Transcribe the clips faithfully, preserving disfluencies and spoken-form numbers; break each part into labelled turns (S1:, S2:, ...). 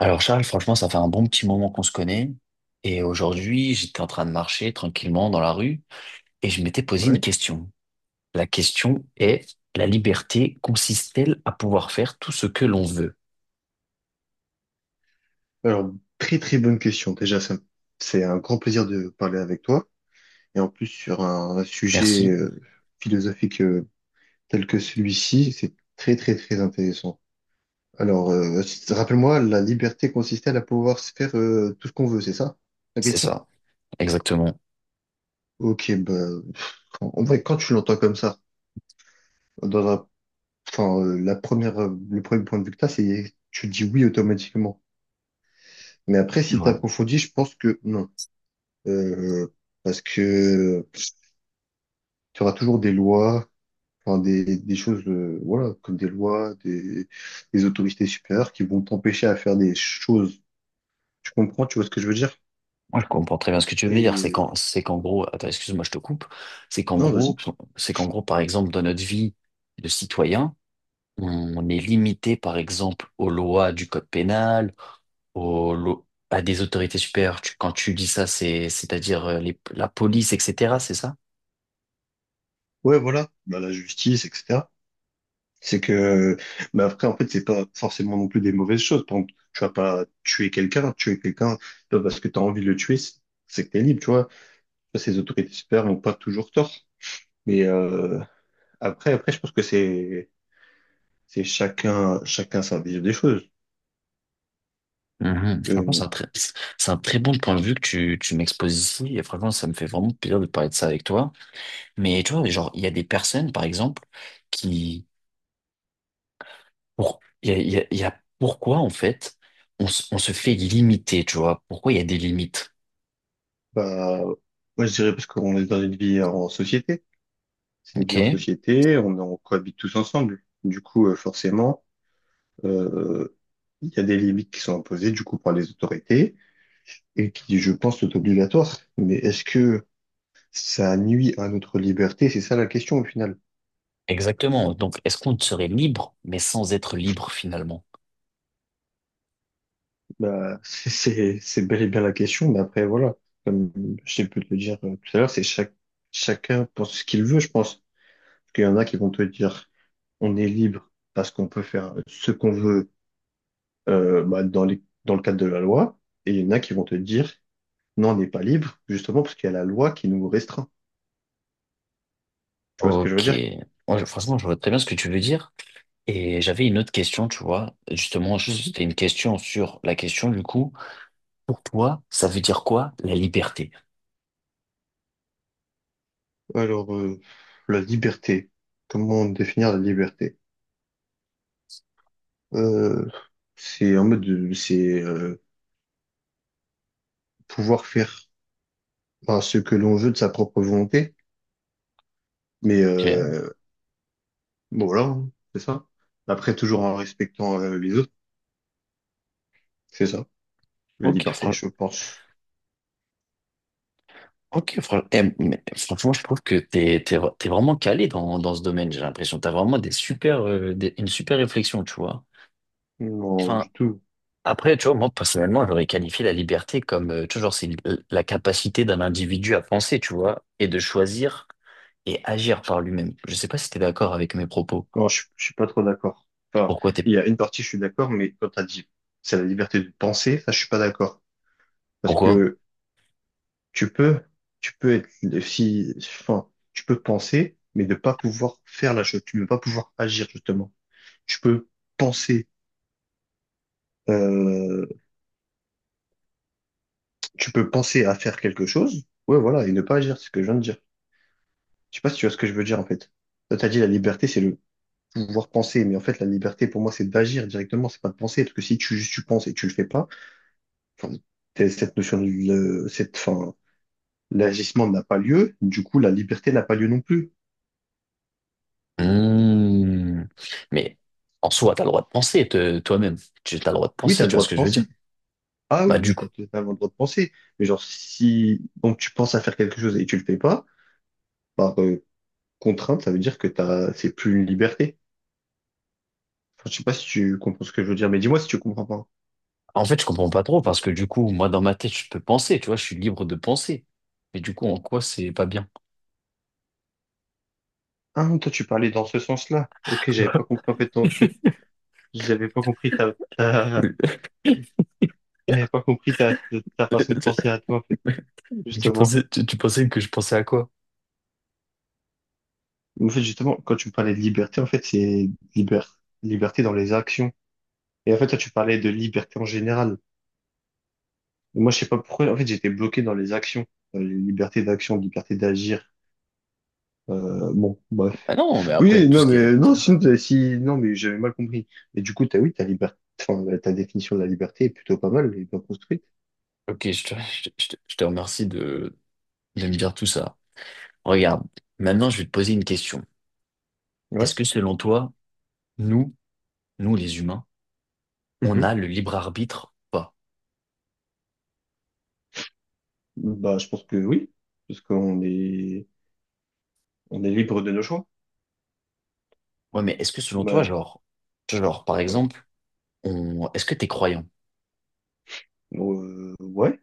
S1: Alors Charles, franchement, ça fait un bon petit moment qu'on se connaît. Et aujourd'hui, j'étais en train de marcher tranquillement dans la rue et je m'étais posé une
S2: Ouais.
S1: question. La question est, la liberté consiste-t-elle à pouvoir faire tout ce que l'on veut?
S2: Alors, très très bonne question. Déjà, ça- c'est un grand plaisir de parler avec toi. Et en plus, sur un, un sujet
S1: Merci.
S2: euh, philosophique euh, tel que celui-ci, c'est très très très intéressant. Alors, euh, rappelle-moi, la liberté consistait à pouvoir se faire euh, tout ce qu'on veut, c'est ça la
S1: C'est
S2: question?
S1: ça, exactement.
S2: Ok, bah, en en vrai, quand tu l'entends comme ça, dans un, enfin, euh, la première, euh, le premier point de vue que t'as, c'est tu dis oui automatiquement. Mais après, si
S1: Ouais.
S2: t'approfondis, je pense que non. Euh, Parce que tu auras toujours des lois, enfin des, des choses, euh, voilà, comme des lois, des, des autorités supérieures qui vont t'empêcher à faire des choses. Tu comprends, tu vois ce que je veux dire?
S1: Moi, je comprends très bien ce que tu veux dire. C'est
S2: Et
S1: qu'en, c'est qu'en gros, attends, excuse-moi, je te coupe. C'est qu'en
S2: non,
S1: gros,
S2: vas-y.
S1: c'est qu'en gros, par exemple, dans notre vie de citoyen, on est limité, par exemple, aux lois du code pénal, au- lo- à des autorités supérieures. Tu- quand tu dis ça, c'est, c'est-à-dire euh, les- la police, et cetera, c'est ça?
S2: Ouais, voilà, bah, la justice, et cetera. C'est que, mais après, en fait, c'est pas forcément non plus des mauvaises choses. Par exemple, tu vas pas tuer quelqu'un, tuer quelqu'un pas parce que tu as envie de le tuer, c'est c'est que t'es libre, tu vois. Ça, Ces autorités supérieures n'ont pas toujours tort. Mais euh, après, après, je pense que c'est c'est chacun chacun sa vision des choses.
S1: Mhm. Franchement, c'est
S2: Euh,
S1: un très, c'est un très bon point de vue que tu, tu m'exposes ici. Et franchement, ça me fait vraiment plaisir de parler de ça avec toi. Mais tu vois, genre, il y a des personnes, par exemple, qui, pour, il y a, il y a- il y a pourquoi, en fait, on, se- on se fait limiter, tu vois? Pourquoi il y a des limites?
S2: Bah, moi, je dirais parce qu'on est dans une vie en société. C'est une vie en
S1: OK?
S2: société, on, on cohabite tous ensemble. Du coup, euh, forcément, euh, il y a des limites qui sont imposées, du coup, par les autorités et qui, je pense, sont obligatoires. Mais est-ce que ça nuit à notre liberté? C'est ça la question, au final.
S1: Exactement. Donc, est-ce qu'on serait libre, mais sans être libre finalement?
S2: Bah, c'est, c'est c'est bel et bien la question, mais après, voilà. Comme je t'ai pu te le dire euh, tout à l'heure, c'est chaque, chacun pense ce qu'il veut, je pense. Parce qu'il y en a qui vont te dire, on est libre parce qu'on peut faire ce qu'on veut euh, bah, dans les, dans le cadre de la loi, et il y en a qui vont te dire, non, on n'est pas libre, justement parce qu'il y a la loi qui nous restreint. Tu vois ce que je veux
S1: Ok.
S2: dire?
S1: Moi, je- franchement, je vois très bien ce que tu veux dire. Et j'avais une autre question, tu vois. Justement, je-
S2: Mhm.
S1: c'était une question sur la question du coup. Pour toi, ça veut dire quoi la liberté?
S2: Alors, euh, la liberté. Comment définir la liberté? Euh, c'est en mode, de- c'est euh, pouvoir faire enfin, ce que l'on veut de sa propre volonté, mais
S1: Tu vois.
S2: euh, bon, voilà, hein, c'est ça. Après, toujours en respectant euh, les autres, c'est ça, la
S1: Ok,
S2: liberté,
S1: fran-
S2: je pense.
S1: ok, fran- eh, mais franchement, je trouve que t'es, t'es, vra- t'es vraiment calé dans, dans ce domaine, j'ai l'impression. T'as vraiment des super, euh, des- une super réflexion, tu vois.
S2: Non,
S1: Enfin,
S2: du tout.
S1: après, tu vois, moi, personnellement, j'aurais qualifié la liberté comme, euh, toujours, c'est l- la capacité d'un individu à penser, tu vois, et de choisir et agir par lui-même. Je sais pas si t'es d'accord avec mes propos.
S2: Non, je, je suis pas trop d'accord. Enfin,
S1: Pourquoi t'es,
S2: il y a une partie, je suis d'accord, mais quand t'as dit c'est la liberté de penser, ça, je suis pas d'accord. Parce
S1: Pourquoi?
S2: que tu peux, tu peux être, si, enfin, tu peux penser, mais ne pas pouvoir faire la chose. Tu ne peux pas pouvoir agir, justement. Tu peux penser, euh, tu peux penser à faire quelque chose. Ouais, voilà, et ne pas agir, c'est ce que je viens de dire. Je sais pas si tu vois ce que je veux dire, en fait. Toi, t'as dit la liberté, c'est le pouvoir penser, mais en fait, la liberté, pour moi, c'est d'agir directement, c'est pas de penser. Parce que si tu, si tu penses et tu le fais pas, enfin, t'es- cette notion de, le- cette, enfin, l'agissement n'a pas lieu, du coup, la liberté n'a pas lieu non plus.
S1: Hmm. Mais en soi, t'as le droit de penser te- toi-même. Tu as le droit de
S2: Oui, t'as
S1: penser,
S2: le
S1: tu vois
S2: droit
S1: ce
S2: de
S1: que je veux dire?
S2: penser. Ah
S1: Bah
S2: oui,
S1: du
S2: oui,
S1: coup.
S2: t'as totalement le droit de penser. Mais genre, si, donc tu penses à faire quelque chose et tu le fais pas, par euh, contrainte, ça veut dire que t'as, c'est plus une liberté. Enfin, je sais pas si tu comprends ce que je veux dire, mais dis-moi si tu comprends pas.
S1: En fait, je comprends pas trop parce que du coup, moi, dans ma tête, je peux penser, tu vois, je suis libre de penser. Mais du coup, en quoi c'est pas bien?
S2: Ah, toi, tu parlais dans ce sens-là. Ok, j'avais pas compris en fait ton truc. J'avais pas compris ta, ta, j'avais pas compris ta, ta, ta façon de penser à toi, en fait,
S1: Tu
S2: justement.
S1: pensais, tu, tu pensais que je pensais à quoi?
S2: En fait, justement, quand tu me parlais de liberté, en fait, c'est liber- liberté dans les actions. Et en fait, toi, tu parlais de liberté en général. Et moi, je sais pas pourquoi, en fait, j'étais bloqué dans les actions. Euh, liberté d'action, liberté d'agir. Euh, bon,
S1: Ah
S2: bref.
S1: non, mais après,
S2: Oui,
S1: tout ce
S2: non,
S1: qui
S2: mais
S1: est...
S2: non, sinon, t'as- si, non, mais j'avais mal compris. Mais du coup, t'as, oui, ta liberté, enfin, ta définition de la liberté est plutôt pas mal et bien construite.
S1: Ok, je te, je te- je te- je te remercie de, de me dire tout ça. Regarde, maintenant je vais te poser une question. Est-ce
S2: Ouais.
S1: que selon toi, nous, nous les humains, on
S2: Mhm.
S1: a le libre arbitre ou pas?
S2: Bah, je pense que oui, parce qu'on est, on est libre de nos choix.
S1: Ouais, mais est-ce que selon toi,
S2: Bah,
S1: genre, genre par
S2: ouais,
S1: exemple, on, est-ce que t'es croyant?
S2: Euh, ouais,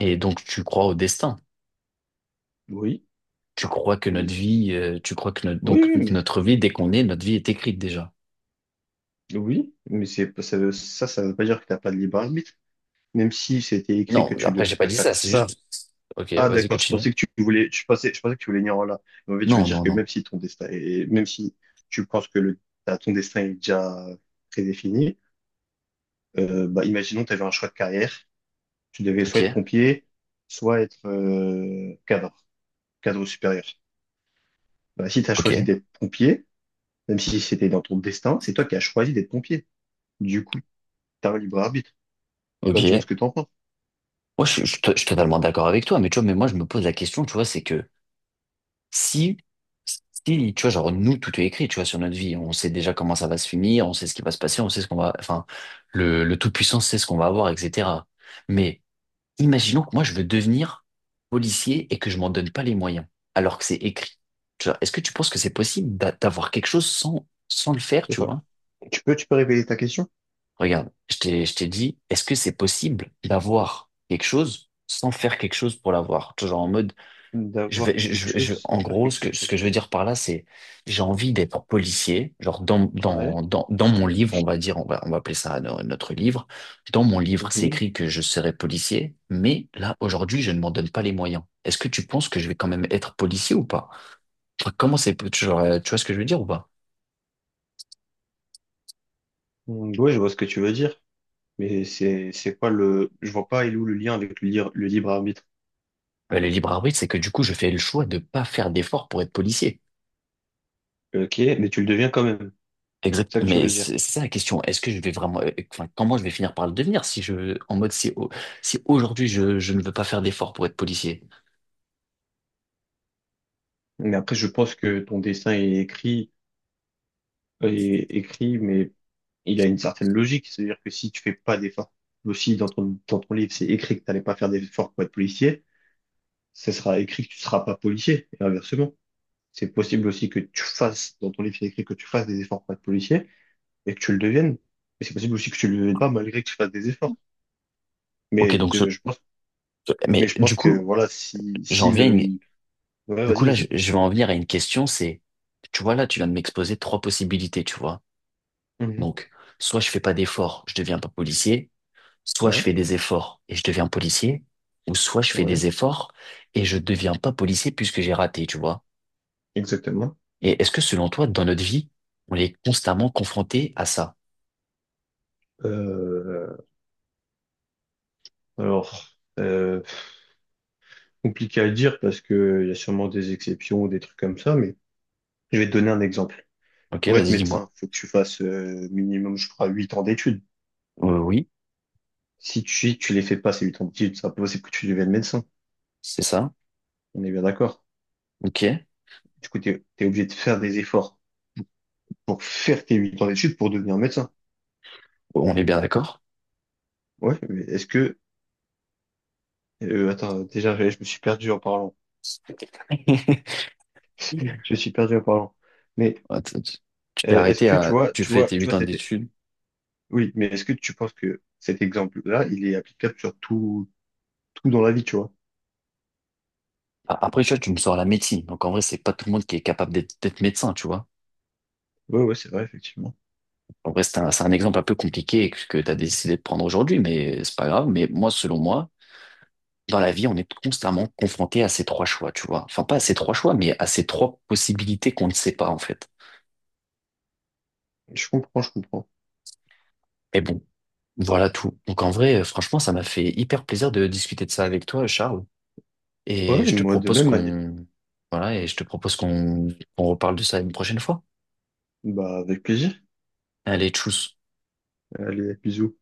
S1: Et donc tu crois au destin?
S2: oui.
S1: Tu crois que
S2: Mais-
S1: notre vie,
S2: c-
S1: euh, tu crois que notre,
S2: oui,
S1: donc
S2: oui, mais
S1: notre vie, dès qu'on est, notre vie est écrite déjà.
S2: oui, mais c'est pas- ça, ça, ça veut pas dire que t'as pas de libre arbitre. Même si c'était écrit que
S1: Non,
S2: tu
S1: après j'ai pas
S2: devais
S1: dit
S2: faire
S1: ça, c'est
S2: ça.
S1: juste. Ok,
S2: Ah,
S1: vas-y,
S2: d'accord, je
S1: continue.
S2: pensais que tu voulais, je pensais, je pensais que tu voulais venir en là. Mais en fait, je veux
S1: Non,
S2: dire
S1: non,
S2: que
S1: non.
S2: même si ton destin est, même si tu penses que le, t'as- ton destin est déjà prédéfini, euh, bah, imaginons que tu avais un choix de carrière. Tu devais soit
S1: Ok,
S2: être pompier, soit être, euh, cadre, cadre supérieur. Bah, si tu as choisi
S1: ok,
S2: d'être pompier, même si c'était dans ton destin, c'est toi qui as choisi d'être pompier. Du coup, t'as un libre arbitre. Bah, dis-moi ce
S1: ok.
S2: que t'en penses.
S1: Moi, je, suis je suis to- je suis totalement d'accord avec toi, mais tu vois, mais moi je me pose la question, tu vois, c'est que. Si, si, tu vois, genre, nous, tout est écrit, tu vois, sur notre vie. On sait déjà comment ça va se finir, on sait ce qui va se passer, on sait ce qu'on va, enfin, le, le Tout-Puissant sait ce qu'on va avoir, et cetera. Mais imaginons que moi, je veux devenir policier et que je m'en donne pas les moyens, alors que c'est écrit. Tu vois, est-ce que tu penses que c'est possible d'a- d'avoir quelque chose sans, sans le faire, tu vois?
S2: Tu peux, tu peux révéler ta question?
S1: Regarde, je t'ai, je t'ai dit, est-ce que c'est possible d'avoir quelque chose sans faire quelque chose pour l'avoir? Tu vois, genre, en mode, je
S2: D'avoir
S1: vais, je,
S2: quelque
S1: je-
S2: chose
S1: je-
S2: sans
S1: en
S2: faire
S1: gros,
S2: quelque
S1: ce
S2: chose
S1: que, ce
S2: pour.
S1: que je veux dire par là, c'est j'ai envie d'être policier. Genre dans,
S2: Ouais.
S1: dans, dans, dans mon livre, on va dire, on va, on va appeler ça no- notre livre. Dans mon livre, c'est
S2: Mhm.
S1: écrit que je serai policier, mais là, aujourd'hui, je ne m'en donne pas les moyens. Est-ce que tu penses que je vais quand même être policier ou pas? Enfin, comment c'est, genre, euh, tu vois ce que je veux dire ou pas?
S2: Mm, oui, je vois ce que tu veux dire, mais c'est c'est quoi le. Je vois pas, il est où le lien avec le, lire- le libre arbitre.
S1: Euh, Le libre arbitre, c'est que du coup, je fais le choix de pas faire d'efforts pour être policier.
S2: Ok, mais tu le deviens quand même,
S1: Exact,
S2: c'est ça que tu
S1: mais
S2: veux dire.
S1: c'est c'est ça la question. Est-ce que je vais vraiment, euh, enfin, comment je vais finir par le devenir si je, en mode, si, au- si aujourd'hui je, je ne veux pas faire d'efforts pour être policier?
S2: Mais après, je pense que ton dessin est écrit, euh, est écrit, mais il a une certaine logique, c'est-à-dire que si tu fais pas d'efforts, aussi dans ton, dans ton livre, c'est écrit que t'allais pas faire d'efforts pour être policier, ça sera écrit que tu seras pas policier, et inversement. C'est possible aussi que tu fasses, dans ton livre, il y a écrit que tu fasses des efforts pour être policier et que tu le deviennes. Mais c'est possible aussi que tu le deviennes pas malgré que tu fasses des efforts.
S1: Ok,
S2: Mais
S1: donc,
S2: de,
S1: je-
S2: je pense, mais
S1: mais
S2: je
S1: du
S2: pense que,
S1: coup,
S2: voilà, si,
S1: j'en
S2: si
S1: viens, à
S2: le,
S1: une-
S2: ouais,
S1: du coup
S2: vas-y,
S1: là, je,
S2: vas-y.
S1: je vais en venir à une question, c'est, tu vois là, tu viens de m'exposer trois possibilités, tu vois.
S2: Mhm.
S1: Donc, soit je fais pas d'efforts, je deviens pas policier, soit je
S2: Ouais,
S1: fais des efforts et je deviens policier, ou soit je fais des
S2: ouais,
S1: efforts et je deviens pas policier puisque j'ai raté, tu vois.
S2: exactement.
S1: Et est-ce que selon toi, dans notre vie, on est constamment confronté à ça?
S2: Euh, alors, euh, compliqué à dire parce que il y a sûrement des exceptions ou des trucs comme ça, mais je vais te donner un exemple.
S1: Ok,
S2: Pour être
S1: vas-y,
S2: médecin,
S1: dis-moi.
S2: faut que tu fasses, euh, minimum, je crois, huit ans d'études.
S1: Euh, oui,
S2: Si tu, si tu les fais pas, ces huit ans d'études, c'est impossible que tu deviennes médecin.
S1: c'est ça.
S2: On est bien d'accord.
S1: Ok,
S2: Du coup, t'es, t'es obligé de faire des efforts pour faire tes huit ans d'études pour devenir médecin.
S1: on est bien d'accord.
S2: Ouais, mais est-ce que, euh, attends, déjà, je me suis perdu en parlant. Je me suis perdu en parlant. Mais,
S1: Attends, Tu tu t'es
S2: euh, est-ce
S1: arrêté
S2: que tu
S1: à,
S2: vois,
S1: tu
S2: tu
S1: fais
S2: vois,
S1: tes
S2: tu
S1: huit
S2: vois,
S1: ans
S2: c'était,
S1: d'études.
S2: oui, mais est-ce que tu penses que cet exemple-là, il est applicable sur tout, tout dans la vie, tu vois?
S1: A- Après, tu vois, tu me sors la médecine. Donc, en vrai, c'est pas tout le monde qui est capable d'être d'être médecin, tu vois.
S2: Ouais, ouais, c'est vrai, effectivement.
S1: En vrai, c'est un, c'est un exemple un peu compliqué que, que tu as décidé de prendre aujourd'hui, mais c'est pas grave. Mais moi, selon moi, dans la vie, on est constamment confronté à ces trois choix, tu vois. Enfin, pas à ces trois choix, mais à ces trois possibilités qu'on ne sait pas, en fait.
S2: Je comprends, je comprends.
S1: Mais bon, voilà tout. Donc en vrai, euh, franchement, ça m'a fait hyper plaisir de discuter de ça avec toi, Charles. Et
S2: Ouais,
S1: je te
S2: moi, de
S1: propose
S2: même, Manil.
S1: qu'on, voilà, et je te propose qu'on qu'on reparle de ça une prochaine fois.
S2: Bah, avec plaisir.
S1: Allez, tchuss.
S2: Allez, bisous.